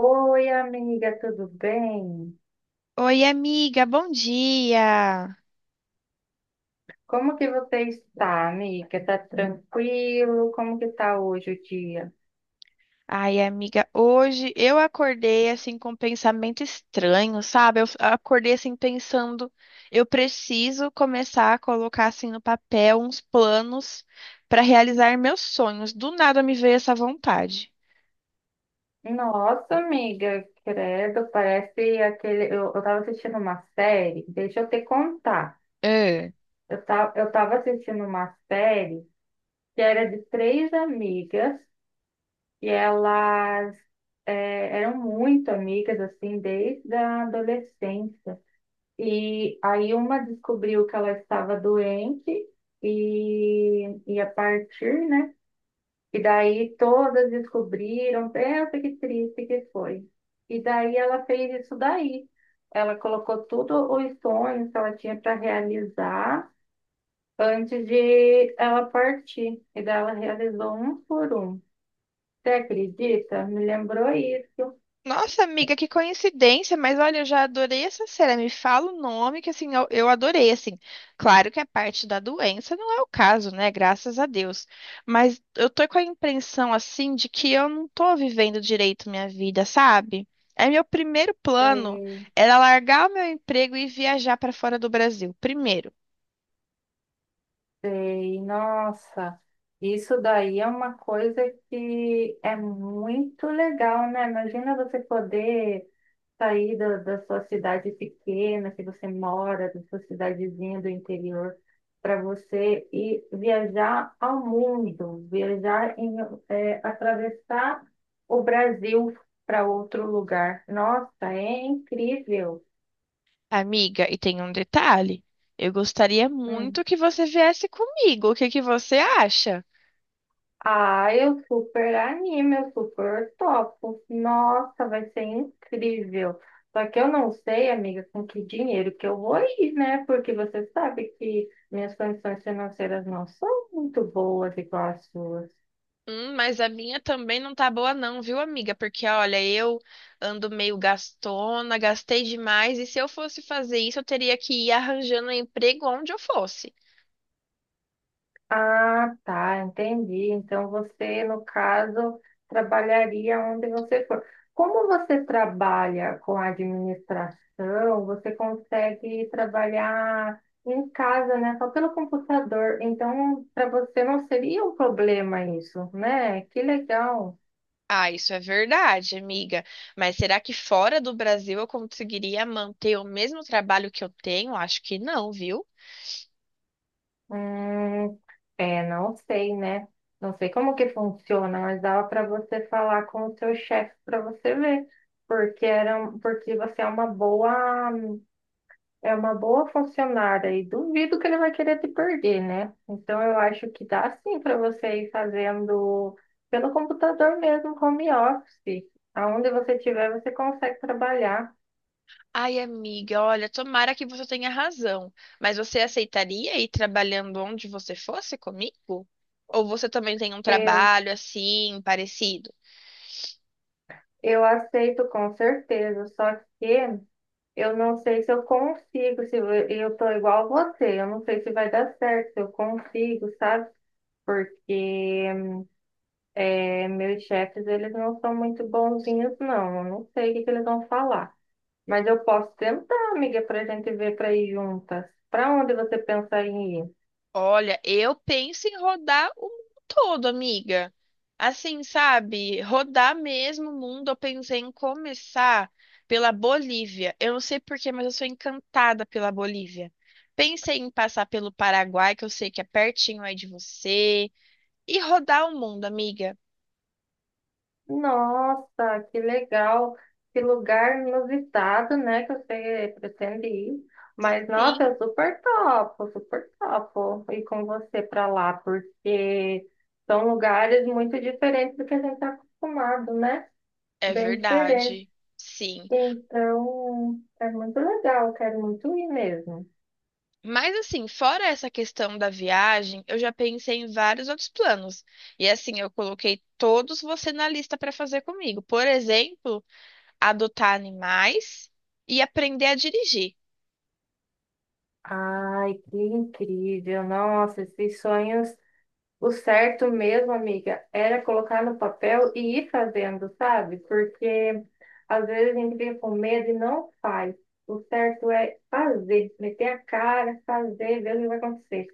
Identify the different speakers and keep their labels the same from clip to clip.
Speaker 1: Oi, amiga, tudo bem?
Speaker 2: Oi, amiga, bom dia.
Speaker 1: Como que você está, amiga? Tá tranquilo? Como que tá hoje o dia?
Speaker 2: Ai, amiga, hoje eu acordei assim com um pensamento estranho, sabe? Acordei assim pensando, eu preciso começar a colocar assim no papel uns planos para realizar meus sonhos. Do nada me veio essa vontade.
Speaker 1: Nossa, amiga, credo, parece aquele. Eu tava assistindo uma série, deixa eu te contar. Eu tava assistindo uma série que era de três amigas e elas eram muito amigas, assim, desde a adolescência. E aí uma descobriu que ela estava doente e a partir, né? E daí todas descobriram, pensa que triste que foi. E daí ela fez isso daí. Ela colocou tudo os sonhos que ela tinha para realizar antes de ela partir. E daí ela realizou um por um. Você acredita? Me lembrou isso.
Speaker 2: Nossa, amiga, que coincidência, mas olha, eu já adorei essa cena. Me fala o nome que assim, eu adorei, assim. Claro que a parte da doença não é o caso, né? Graças a Deus. Mas eu tô com a impressão assim de que eu não tô vivendo direito minha vida, sabe? É meu primeiro plano
Speaker 1: É.
Speaker 2: era largar o meu emprego e viajar para fora do Brasil. Primeiro,
Speaker 1: Sei, nossa, isso daí é uma coisa que é muito legal, né? Imagina você poder sair da sua cidade pequena, que você mora, da sua cidadezinha do interior, para você ir viajar ao mundo, viajar em, é, atravessar o Brasil para outro lugar. Nossa, é incrível.
Speaker 2: amiga, e tem um detalhe. Eu gostaria
Speaker 1: Hum.
Speaker 2: muito que você viesse comigo. O que que você acha?
Speaker 1: Ah, eu super animo, eu super topo. Nossa, vai ser incrível. Só que eu não sei, amiga, com que dinheiro que eu vou ir, né? Porque você sabe que minhas condições financeiras não são muito boas igual as suas.
Speaker 2: Mas a minha também não tá boa não, viu, amiga? Porque olha, eu ando meio gastona, gastei demais, e se eu fosse fazer isso, eu teria que ir arranjando um emprego onde eu fosse.
Speaker 1: Ah, tá, entendi. Então você, no caso, trabalharia onde você for. Como você trabalha com a administração, você consegue trabalhar em casa, né? Só pelo computador. Então, para você não seria um problema isso, né? Que legal.
Speaker 2: Ah, isso é verdade, amiga. Mas será que fora do Brasil eu conseguiria manter o mesmo trabalho que eu tenho? Acho que não, viu?
Speaker 1: Hum, é, não sei, né? Não sei como que funciona, mas dava para você falar com o seu chefe para você ver porque porque você é uma boa. É uma boa funcionária e duvido que ele vai querer te perder, né? Então eu acho que dá sim para você ir fazendo pelo computador mesmo, home office. Aonde você estiver, você consegue trabalhar.
Speaker 2: Ai, amiga, olha, tomara que você tenha razão. Mas você aceitaria ir trabalhando onde você fosse comigo? Ou você também tem um
Speaker 1: Eu,
Speaker 2: trabalho assim, parecido?
Speaker 1: eu aceito com certeza, só que eu não sei se eu consigo, se eu tô igual você, eu não sei se vai dar certo, se eu consigo, sabe? Porque é, meus chefes, eles não são muito bonzinhos, não. Eu não sei o que que eles vão falar. Mas eu posso tentar, amiga, para a gente ver para ir juntas. Para onde você pensa em ir?
Speaker 2: Olha, eu penso em rodar o mundo todo, amiga. Assim, sabe? Rodar mesmo o mundo. Eu pensei em começar pela Bolívia. Eu não sei porquê, mas eu sou encantada pela Bolívia. Pensei em passar pelo Paraguai, que eu sei que é pertinho aí de você, e rodar o mundo, amiga.
Speaker 1: Nossa, que legal! Que lugar inusitado, né? Que você pretende ir. Mas, nossa,
Speaker 2: Sim,
Speaker 1: eu super topo ir com você para lá, porque são lugares muito diferentes do que a gente está acostumado, né?
Speaker 2: é
Speaker 1: Bem diferentes.
Speaker 2: verdade. Sim.
Speaker 1: Então, é muito legal, eu quero muito ir mesmo.
Speaker 2: Mas assim, fora essa questão da viagem, eu já pensei em vários outros planos. E assim, eu coloquei todos você na lista para fazer comigo. Por exemplo, adotar animais e aprender a dirigir.
Speaker 1: Ai, que incrível! Nossa, esses sonhos. O certo mesmo, amiga, era colocar no papel e ir fazendo, sabe? Porque às vezes a gente fica com medo e não faz. O certo é fazer, meter a cara, fazer, ver o que vai acontecer.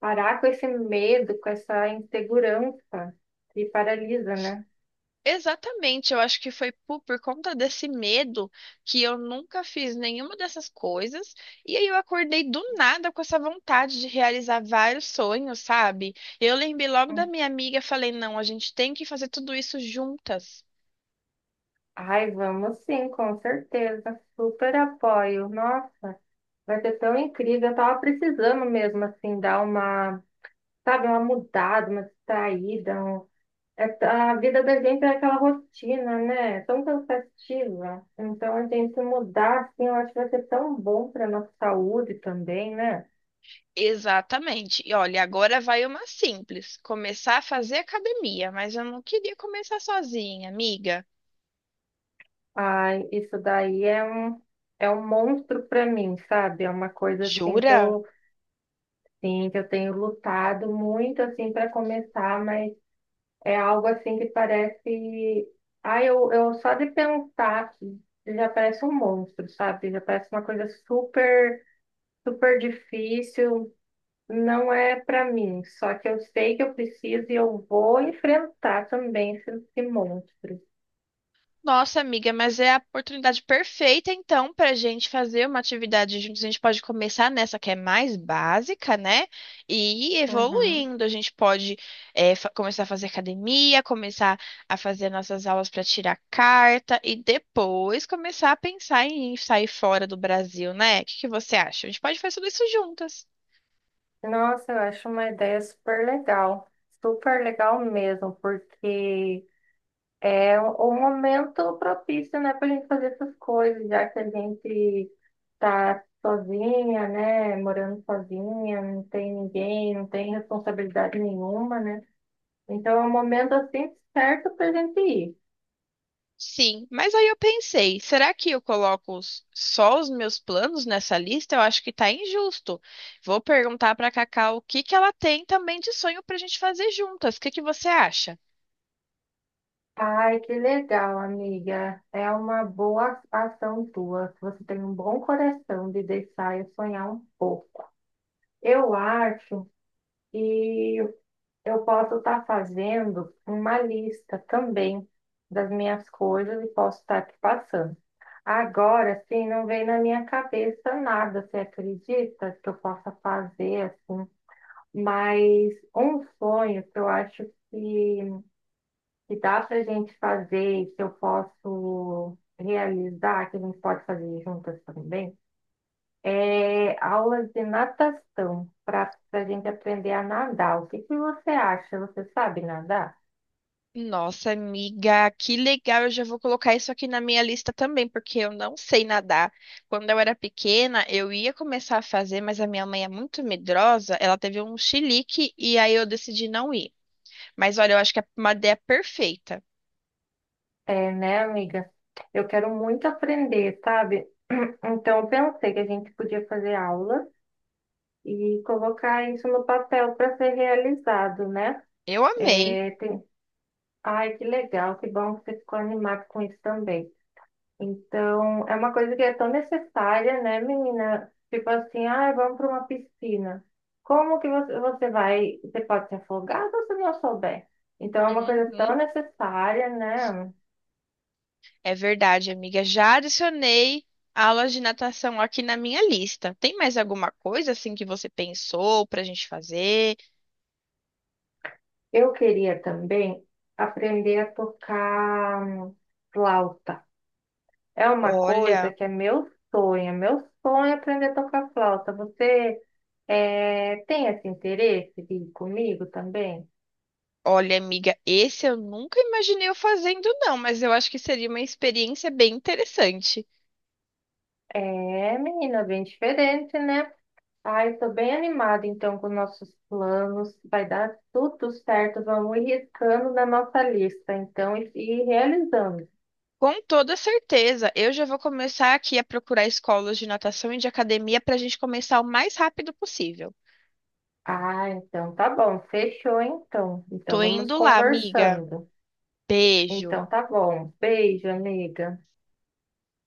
Speaker 1: Parar com esse medo, com essa insegurança que paralisa, né?
Speaker 2: Exatamente, eu acho que foi por conta desse medo que eu nunca fiz nenhuma dessas coisas. E aí eu acordei do nada com essa vontade de realizar vários sonhos, sabe? Eu lembrei logo da
Speaker 1: Hum.
Speaker 2: minha amiga, falei, não, a gente tem que fazer tudo isso juntas.
Speaker 1: Ai, vamos sim, com certeza. Super apoio. Nossa, vai ser tão incrível. Eu tava precisando mesmo, assim, dar uma, sabe, uma mudada, uma distraída, um. É- A vida da gente é aquela rotina, né? É tão cansativa. Então, a gente mudar, assim, eu acho que vai ser tão bom para nossa saúde também, né?
Speaker 2: Exatamente. E olha, agora vai uma simples. Começar a fazer academia, mas eu não queria começar sozinha, amiga.
Speaker 1: Ai, isso daí é um monstro para mim, sabe? É uma coisa, assim, que
Speaker 2: Jura?
Speaker 1: eu, sim, que eu tenho lutado muito, assim, para começar, mas é algo, assim, que parece... Ai, eu só de pensar que já parece um monstro, sabe? Já parece uma coisa super, super difícil. Não é para mim, só que eu sei que eu preciso e eu vou enfrentar também esse monstro.
Speaker 2: Nossa, amiga, mas é a oportunidade perfeita, então, para a gente fazer uma atividade juntos. A gente pode começar nessa que é mais básica, né? E ir
Speaker 1: Uhum.
Speaker 2: evoluindo. A gente pode começar a fazer academia, começar a fazer nossas aulas para tirar carta e depois começar a pensar em sair fora do Brasil, né? O que que você acha? A gente pode fazer tudo isso juntas.
Speaker 1: Nossa, eu acho uma ideia super legal. Super legal mesmo, porque é um momento propício, né, para a gente fazer essas coisas, já que a gente tá sozinha, né, morando sozinha, não tem ninguém, não tem responsabilidade nenhuma, né? Então é um momento assim certo para a gente ir.
Speaker 2: Sim, mas aí eu pensei, será que eu coloco só os meus planos nessa lista? Eu acho que tá injusto. Vou perguntar pra Cacau o que que ela tem também de sonho pra gente fazer juntas. O que que você acha?
Speaker 1: Ai, que legal, amiga. É uma boa ação tua. Você tem um bom coração de deixar eu sonhar um pouco. Eu acho que eu posso estar fazendo uma lista também das minhas coisas e posso estar te passando. Agora, assim, não vem na minha cabeça nada, você acredita que eu possa fazer, assim? Mas um sonho que eu acho que que dá para a gente fazer, e que eu posso realizar, que a gente pode fazer juntas também, é aulas de natação, para a gente aprender a nadar. O que que você acha? Você sabe nadar?
Speaker 2: Nossa, amiga, que legal! Eu já vou colocar isso aqui na minha lista também, porque eu não sei nadar. Quando eu era pequena, eu ia começar a fazer, mas a minha mãe é muito medrosa, ela teve um chilique e aí eu decidi não ir. Mas olha, eu acho que é uma ideia perfeita.
Speaker 1: É, né, amiga? Eu quero muito aprender, sabe? Então, eu pensei que a gente podia fazer aula e colocar isso no papel para ser realizado, né?
Speaker 2: Eu amei.
Speaker 1: É, tem... Ai, que legal, que bom que você ficou animado com isso também. Então, é uma coisa que é tão necessária, né, menina? Tipo assim, ah, vamos para uma piscina. Como que você, você vai? Você pode se afogar se você não souber. Então, é uma coisa
Speaker 2: Uhum.
Speaker 1: tão necessária, né?
Speaker 2: É verdade, amiga. Já adicionei aulas de natação aqui na minha lista. Tem mais alguma coisa assim que você pensou pra gente fazer?
Speaker 1: Eu queria também aprender a tocar flauta. É uma coisa
Speaker 2: Olha,
Speaker 1: que é meu sonho. É Meu sonho é aprender a tocar flauta. Você tem esse interesse de ir comigo também?
Speaker 2: Olha, amiga, esse eu nunca imaginei eu fazendo, não, mas eu acho que seria uma experiência bem interessante.
Speaker 1: É, menina, bem diferente, né? Ai, estou bem animada então com nossos planos. Vai dar tudo certo. Vamos ir riscando na nossa lista, então, e realizando.
Speaker 2: Com toda certeza, eu já vou começar aqui a procurar escolas de natação e de academia pra gente começar o mais rápido possível.
Speaker 1: Ah, então tá bom. Fechou então. Então
Speaker 2: Tô
Speaker 1: vamos
Speaker 2: indo lá, amiga.
Speaker 1: conversando.
Speaker 2: Beijo.
Speaker 1: Então tá bom. Beijo, amiga.